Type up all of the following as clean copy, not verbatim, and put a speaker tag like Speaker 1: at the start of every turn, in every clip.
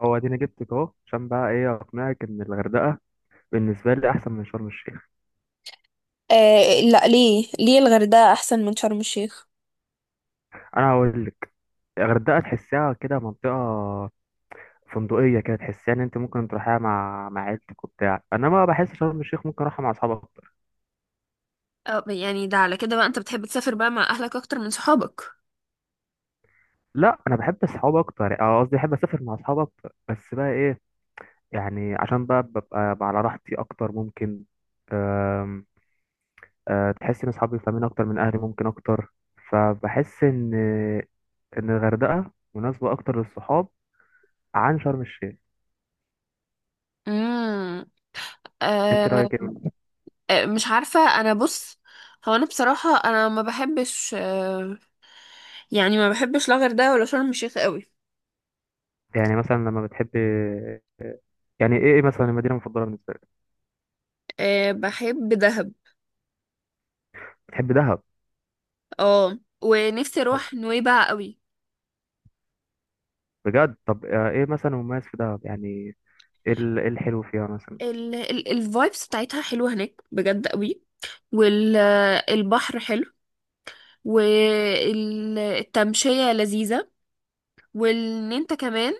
Speaker 1: هو اديني جبتك اهو، عشان بقى ايه اقنعك ان الغردقه بالنسبه لي احسن من شرم الشيخ.
Speaker 2: آه، لا، ليه الغردقة أحسن من شرم الشيخ؟
Speaker 1: انا هقول لك. الغردقه تحسها كده منطقه فندقيه كده، تحسها ان انت ممكن تروحيها مع عيلتك وبتاع، انما بحس شرم الشيخ ممكن اروحها مع اصحابي اكتر.
Speaker 2: اه يعني ده على كده بقى انت بتحب تسافر بقى مع اهلك اكتر من صحابك؟
Speaker 1: لا انا بحب اصحاب اكتر، اه قصدي بحب اسافر مع اصحاب اكتر، بس بقى ايه، يعني عشان بقى ببقى على راحتي اكتر ممكن. أم، أه، تحس ان اصحابي فاهمين اكتر من اهلي ممكن اكتر. فبحس ان الغردقه مناسبه اكتر للصحاب عن شرم الشيخ.
Speaker 2: امم.
Speaker 1: انت
Speaker 2: أه.
Speaker 1: رايك ايه مثلاً؟
Speaker 2: آه، مش عارفه، انا بص، هو انا بصراحه انا ما بحبش، أه يعني ما بحبش لا غردقه ولا شرم الشيخ قوي.
Speaker 1: يعني مثلا لما بتحب، يعني ايه مثلا المدينه المفضله بالنسبه لك؟
Speaker 2: أه بحب دهب،
Speaker 1: بتحب دهب.
Speaker 2: اه ونفسي اروح نويبع قوي.
Speaker 1: بجد؟ طب ايه مثلا مميز في دهب يعني، إيه الحلو فيها مثلا؟
Speaker 2: ال ال الفايبس بتاعتها حلوه هناك بجد قوي، والبحر حلو، والتمشيه لذيذه، وان انت كمان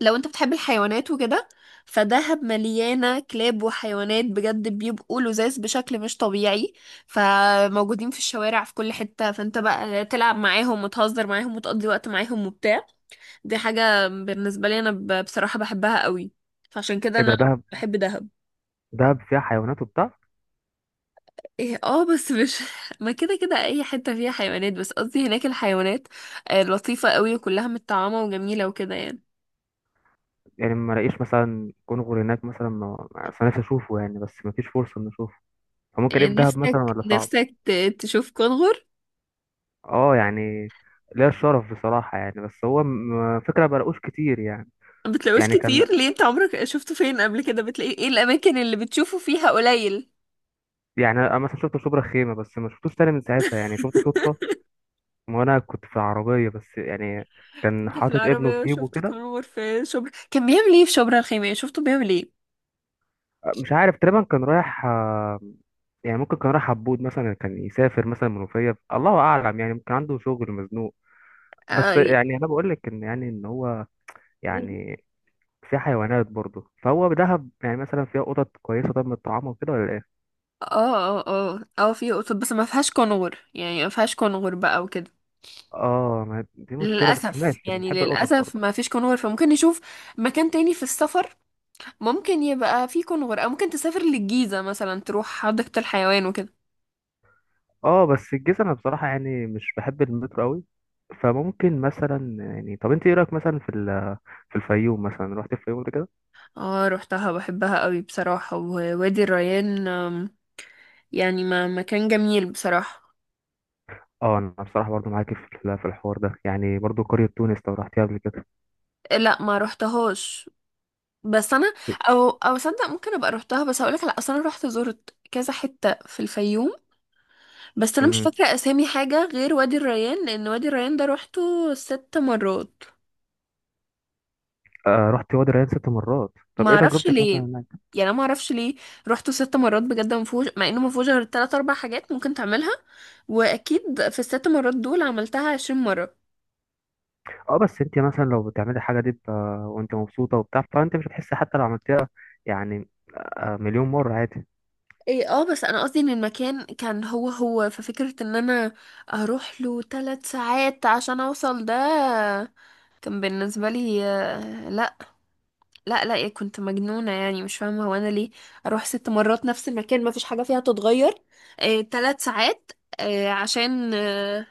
Speaker 2: لو انت بتحب الحيوانات وكده، فدهب مليانة كلاب وحيوانات بجد بيبقوا لذاذ بشكل مش طبيعي، فموجودين في الشوارع في كل حتة، فانت بقى تلعب معاهم وتهزر معاهم وتقضي وقت معاهم وبتاع. دي حاجة بالنسبة لي انا بصراحة بحبها قوي، فعشان كده
Speaker 1: ايه ده
Speaker 2: انا
Speaker 1: دهب!
Speaker 2: بحب دهب.
Speaker 1: دهب فيها حيوانات وبتاع.
Speaker 2: ايه اه، بس مش ما كده كده اي حتة فيها حيوانات، بس قصدي هناك الحيوانات آه، لطيفة قوي وكلها متطعمة وجميلة وكده يعني.
Speaker 1: يعني ما الاقيش مثلا كونغر هناك مثلا، أصل نفسي اشوفه يعني بس ما فيش فرصه ان اشوفه، فممكن ايه في دهب مثلا
Speaker 2: نفسك
Speaker 1: ولا صعب؟
Speaker 2: نفسك ت- تشوف كونغر؟
Speaker 1: اه يعني ليا الشرف بصراحه يعني، بس هو فكره ما بلاقوش كتير يعني.
Speaker 2: ما بتلاقوش
Speaker 1: يعني
Speaker 2: كتير
Speaker 1: كان،
Speaker 2: ليه؟ انت عمرك شفته فين قبل كده؟ بتلاقيه ايه الاماكن اللي بتشوفه فيها قليل؟
Speaker 1: يعني انا مثلا شفت شبرا خيمه بس ما شفتوش تاني من ساعتها، يعني شفته صدفه. ما انا كنت في العربيه بس، يعني كان
Speaker 2: انت في
Speaker 1: حاطط ابنه في
Speaker 2: العربية
Speaker 1: جيبه
Speaker 2: شفت
Speaker 1: كده.
Speaker 2: كونغر في شبرا؟ كان بيعمل ايه في شبرا الخيمية؟ شفته بيعمل ايه؟
Speaker 1: مش عارف تقريبا كان رايح، يعني ممكن كان رايح عبود مثلا، كان يسافر مثلا منوفيه، الله اعلم، يعني ممكن عنده شغل مزنوق.
Speaker 2: اه
Speaker 1: بس
Speaker 2: ي-
Speaker 1: يعني انا بقول لك ان يعني ان هو يعني في حيوانات برضه، فهو بدهب يعني مثلا فيها قطط كويسه طب، من الطعام وكده ولا ايه؟
Speaker 2: اه اه اه اه، في قطط، بس ما فيهاش كونغر، يعني ما فيهاش كونغر بقى وكده.
Speaker 1: اه، ما دي مشكله بس
Speaker 2: للأسف
Speaker 1: ماشي،
Speaker 2: يعني،
Speaker 1: بنحب القطط
Speaker 2: للأسف
Speaker 1: برضه.
Speaker 2: ما فيش كونغر، فممكن نشوف مكان تاني في السفر ممكن يبقى فيه كونغر، أو ممكن تسافر للجيزة مثلا تروح حديقة الحيوان وكده.
Speaker 1: اه بس الجيزة انا بصراحة يعني مش بحب المترو قوي، فممكن مثلا يعني، طب انت ايه رأيك مثلا في في الفيوم مثلا، رحت الفيوم قبل كده؟
Speaker 2: اه روحتها، بحبها قوي بصراحة، ووادي الريان آم، يعني ما مكان جميل بصراحة.
Speaker 1: اه انا بصراحة برضو معاكي في في الحوار ده، يعني برضو قرية تونس لو رحتيها قبل كده؟
Speaker 2: لا ما روحتهاش، بس انا او او صدق ممكن ابقى روحتها، بس هقولك على اصل انا روحت زرت كذا حتة في الفيوم، بس انا مش
Speaker 1: امم.
Speaker 2: فاكرة اسامي حاجة غير وادي الريان، لان وادي الريان ده روحته 6 مرات.
Speaker 1: آه، رحت وادي الريان 6 مرات، طب
Speaker 2: ما
Speaker 1: ايه
Speaker 2: اعرفش
Speaker 1: تجربتك
Speaker 2: ليه،
Speaker 1: مثلا هناك؟
Speaker 2: يعني انا ما اعرفش ليه روحته 6 مرات بجد، ما فيهوش، مع انه ما فيهوش غير تلات اربع حاجات ممكن تعملها، واكيد في ال6 مرات دول عملتها 20 مرة.
Speaker 1: اه بس انت مثلا لو بتعملي الحاجة دي ب-، وانت مبسوطة وبتاع، فانت مش هتحسي حتى لو عملتيها، يعني آه مليون مرة عادي.
Speaker 2: ايه اه، بس انا قصدي ان المكان كان هو هو، ففكرة ان انا اروح له 3 ساعات عشان اوصل ده كان بالنسبة لي آه، لا لا لا، إيه، كنت مجنونة يعني، مش فاهمة هو انا ليه اروح 6 مرات نفس المكان، ما فيش حاجة فيها تتغير. إيه 3 ساعات؟ آه، عشان آه،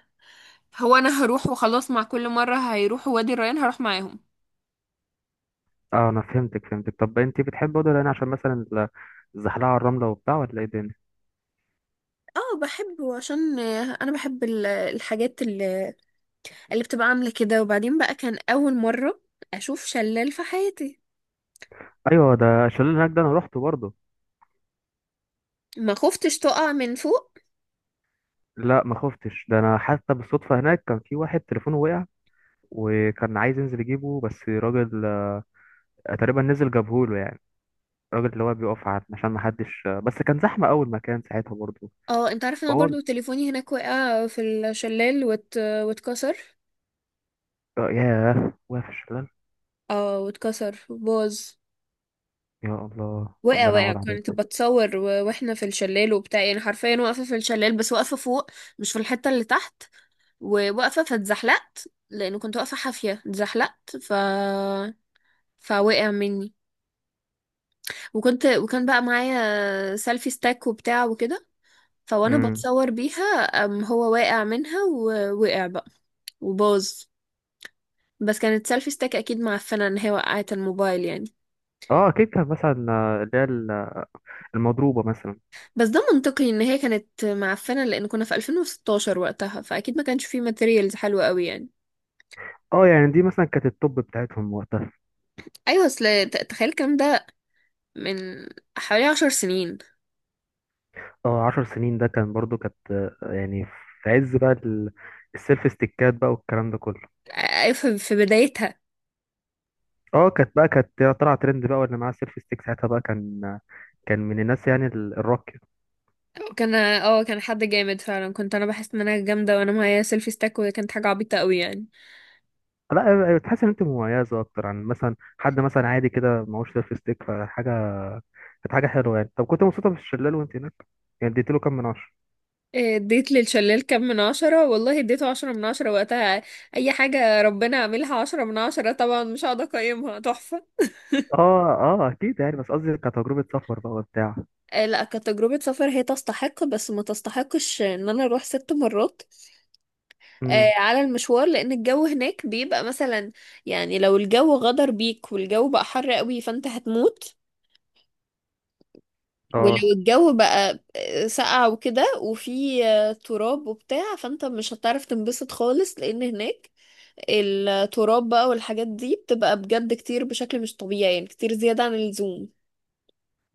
Speaker 2: هو انا هروح وخلاص، مع كل مرة هيروحوا وادي الريان هروح معاهم.
Speaker 1: اه انا فهمتك فهمتك، طب انت بتحبي وادي الريان عشان مثلا الزحلقة على الرملة وبتاع ولا ايه الدنيا؟
Speaker 2: اه بحبه عشان آه، انا بحب الحاجات اللي بتبقى عاملة كده، وبعدين بقى كان أول مرة أشوف شلال في حياتي.
Speaker 1: ايوه، ده الشلال اللي هناك ده انا روحته برضه.
Speaker 2: ما خفتش تقع من فوق؟
Speaker 1: لا ما خفتش، ده انا حتى بالصدفه هناك كان في واحد تليفونه وقع، وكان عايز ينزل يجيبه بس راجل تقريبا نزل جابهوله يعني، الراجل اللي هو بيقف عشان ما حدش، بس كان زحمه اول مكان ساعتها برضه.
Speaker 2: اه انت عارف، انا
Speaker 1: فهو،
Speaker 2: برضو تليفوني هناك وقع في الشلال واتكسر.
Speaker 1: ياه، واقف في الشلال.
Speaker 2: اه واتكسر باظ.
Speaker 1: يا الله،
Speaker 2: وقع
Speaker 1: ربنا
Speaker 2: وقع،
Speaker 1: يقعد
Speaker 2: كنت
Speaker 1: عليك.
Speaker 2: بتصور واحنا في الشلال وبتاع، يعني حرفيا واقفة في الشلال، بس واقفة فوق، مش في الحتة اللي تحت، وواقفة فاتزحلقت، لأنه كنت واقفة حافية اتزحلقت، فوقع مني. وكنت، وكان بقى معايا سيلفي ستاك وبتاع وكده، فوانا
Speaker 1: امم.
Speaker 2: بتصور بيها، أم هو واقع منها ووقع بقى، وباظ. بس كانت سيلفي ستيك اكيد معفنه ان هي وقعت الموبايل يعني.
Speaker 1: اه اكيد كان مثلا اللي هي المضروبه مثلا.
Speaker 2: بس ده منطقي ان هي كانت معفنه، لان كنا في 2016 وقتها، فاكيد ما كانش فيه ماتيريالز حلوه قوي يعني.
Speaker 1: اه يعني دي مثلا كانت التوب بتاعتهم وقتها.
Speaker 2: ايوه، اصل تخيل الكلام ده من حوالي 10 سنين.
Speaker 1: اه 10 سنين ده كان برضو، كانت يعني في عز بقى السيلف ستيكات بقى والكلام ده كله.
Speaker 2: أيوة، في بدايتها.
Speaker 1: اه كانت بقى كانت طلع ترند بقى، واللي معاه سيلف ستيك ساعتها بقى كان، كان من الناس يعني الراقية.
Speaker 2: كان اه، كان حد جامد فعلا، كنت انا بحس ان انا جامده وانا معايا سيلفي ستيك، وكانت حاجه عبيطه قوي يعني.
Speaker 1: لا أيوة، تحس ان انت مميزة اكتر عن مثلا حد مثلا عادي كده معهوش سيلف ستيك، فحاجة كانت حاجة حلوة يعني. طب كنت مبسوطة في الشلال وانت هناك، يعني اديتله كام من 10؟
Speaker 2: آه، اديت للشلال كام من عشرة؟ والله اديته 10 من 10 وقتها. اي حاجة ربنا عاملها 10 من 10 طبعا، مش هقعد اقيمها تحفة.
Speaker 1: اه اه اكيد يعني، بس قصدي كتجربة سفر بقى وبتاع.
Speaker 2: آه، لا كتجربة سفر هي تستحق، بس ما تستحقش ان انا اروح 6 مرات آه،
Speaker 1: امم.
Speaker 2: على المشوار، لان الجو هناك بيبقى مثلا، يعني لو الجو غدر بيك والجو بقى حر قوي فانت هتموت.
Speaker 1: اه
Speaker 2: ولو الجو بقى آه، ساقع وكده وفي آه، تراب وبتاع، فانت مش هتعرف تنبسط خالص، لان هناك التراب بقى والحاجات دي بتبقى بجد كتير بشكل مش طبيعي يعني، كتير زيادة عن اللزوم.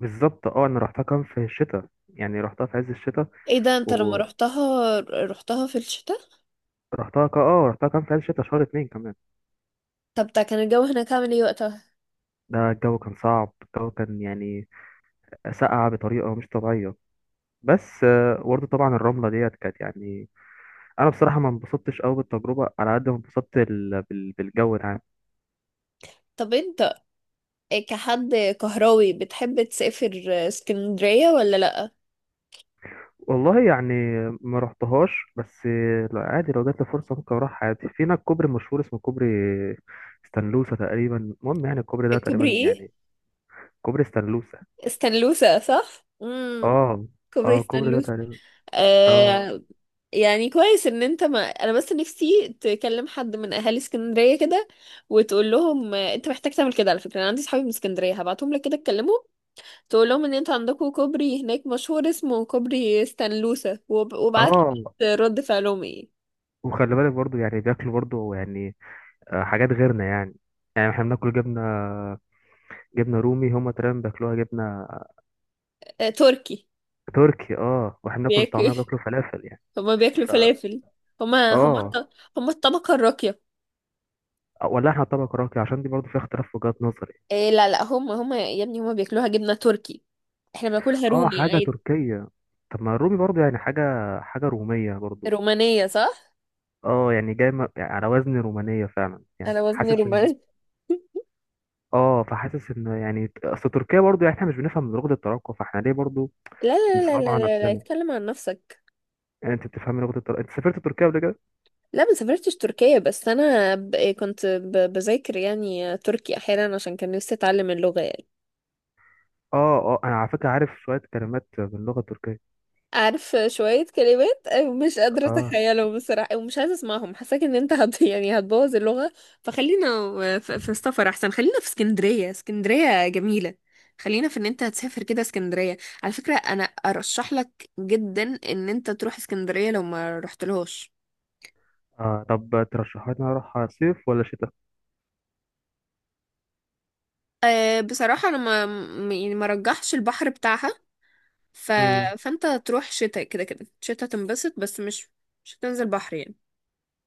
Speaker 1: بالظبط، اه انا رحتها كان في الشتاء، يعني رحتها في عز الشتاء،
Speaker 2: ايه ده، انت لما رحتها رحتها في الشتاء؟
Speaker 1: رحتها اه رحتها كان في عز الشتا شهر اتنين كمان.
Speaker 2: طب ده كان الجو هناك عامل ايه وقتها؟
Speaker 1: ده الجو كان صعب، الجو كان يعني ساقع بطريقة مش طبيعية، بس برضه طبعا الرملة ديت كانت يعني، أنا بصراحة ما انبسطتش أوي بالتجربة على قد ما انبسطت بالجو العام.
Speaker 2: طب انت كحد كهراوي بتحب تسافر اسكندرية ولا لأ؟
Speaker 1: والله يعني ما رحتهاش بس لا عادي لو جات لي فرصة ممكن أروح عادي، في هناك كوبري مشهور اسمه كوبري ستانلوسا تقريبا، المهم يعني الكوبري ده
Speaker 2: كوبري
Speaker 1: تقريبا
Speaker 2: ايه؟
Speaker 1: يعني. كوبري ستانلوسا.
Speaker 2: استنلوسة، صح، امم.
Speaker 1: اه.
Speaker 2: كوبري
Speaker 1: اه الكوبري ده
Speaker 2: استنلوسة.
Speaker 1: تقريبا، اه.
Speaker 2: آه، يعني كويس ان انت، ما انا بس نفسي تكلم حد من اهالي اسكندريه كده وتقول لهم آه، انت محتاج تعمل كده، على فكره انا عندي صحابي من اسكندريه هبعتهم لك كده، تكلمهم تقول لهم ان انت عندكم كوبري هناك مشهور اسمه كوبري ستانلوسا، وابعت لي
Speaker 1: اه
Speaker 2: كده رد فعلهم ايه.
Speaker 1: وخلي بالك برضو يعني بياكلوا برضو يعني حاجات غيرنا يعني، يعني احنا بناكل جبنة رومي، هما تقريبا بياكلوها جبنة
Speaker 2: آه، تركي.
Speaker 1: تركي. اه واحنا بناكل الطعمية
Speaker 2: بياكل
Speaker 1: بياكلوا فلافل يعني.
Speaker 2: هما بياكلوا
Speaker 1: ف،
Speaker 2: فلافل؟ هما هما
Speaker 1: اه
Speaker 2: هما الطبقه الراقيه.
Speaker 1: ولا احنا طبق راقي؟ عشان دي برضو فيها اختلاف في وجهات نظري.
Speaker 2: إيه لا لا، هما هما يا ابني، هما بياكلوها جبنه تركي، احنا بناكلها
Speaker 1: اه
Speaker 2: رومي
Speaker 1: حاجة
Speaker 2: عادي.
Speaker 1: تركية، طب ما الرومي برضو يعني حاجة رومية برضو.
Speaker 2: رومانيه، صح.
Speaker 1: اه يعني جاي يعني على وزن رومانية فعلا، يعني
Speaker 2: انا وزني
Speaker 1: حاسس ان،
Speaker 2: روماني.
Speaker 1: اه فحاسس ان يعني اصل تركيا برضو، يعني احنا مش بنفهم من لغة التراكم، فاحنا ليه برضو
Speaker 2: لا لا لا لا
Speaker 1: نصعبها على
Speaker 2: لا لا،
Speaker 1: نفسنا؟
Speaker 2: اتكلم عن نفسك.
Speaker 1: يعني انت بتفهمي لغه التركية؟ انت سافرت تركيا قبل كده؟
Speaker 2: لا ما سافرتش تركيا، بس انا كنت بذاكر يعني تركي احيانا، عشان كان نفسي اتعلم اللغة يعني.
Speaker 1: اه اه انا على فكره عارف شويه كلمات باللغه التركيه.
Speaker 2: عارف شوية كلمات؟ مش قادرة
Speaker 1: اه
Speaker 2: اتخيلهم بصراحة، ومش عايزة اسمعهم، حاساك ان انت يعني هتبوظ اللغة. فخلينا في السفر احسن، خلينا في اسكندرية، اسكندرية جميلة، خلينا في ان انت هتسافر كده اسكندرية. على فكرة انا ارشح لك جدا ان انت تروح اسكندرية لو ما رحتلهاش.
Speaker 1: اه طب ترشحوا لي إن أنا اروح صيف ولا شتاء؟
Speaker 2: أه بصراحة أنا ما م- يعني ما رجحش البحر بتاعها، ف...
Speaker 1: امم.
Speaker 2: فأنت تروح شتاء، كده كده شتاء تنبسط، بس مش مش هتنزل بحر يعني.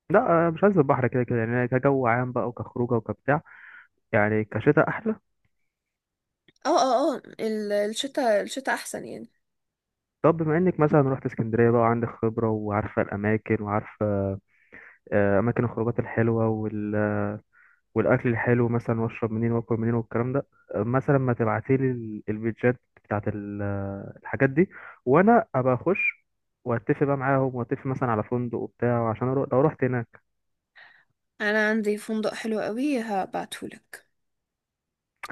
Speaker 1: لا مش عايز البحر كده كده، يعني كجو عام بقى وكخروجه وكبتاع، يعني كشتاء احلى.
Speaker 2: اه اه اه، الشتاء، الشتاء أحسن يعني.
Speaker 1: طب بما انك مثلا رحت اسكندريه بقى، وعندك خبره وعارفه الاماكن وعارفه اماكن الخروجات الحلوه والاكل الحلو مثلا، واشرب منين واكل منين والكلام ده، مثلا ما تبعتيلي البيتجات بتاعت الحاجات دي، وانا ابقى اخش واتفق بقى معاهم، واتفق مثلا على فندق وبتاع عشان أروح لو رحت هناك.
Speaker 2: أنا عندي فندق حلو قوي هبعتهولك.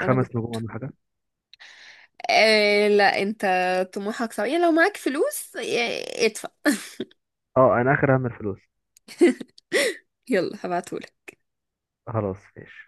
Speaker 2: أنا
Speaker 1: 5 نجوم
Speaker 2: جربته.
Speaker 1: ولا حاجه؟
Speaker 2: أه لا، أنت طموحك صعب يعني، لو معاك فلوس آه، ادفع.
Speaker 1: اه انا اخر اهم الفلوس.
Speaker 2: يلا هبعتهولك.
Speaker 1: خلاص ماشي.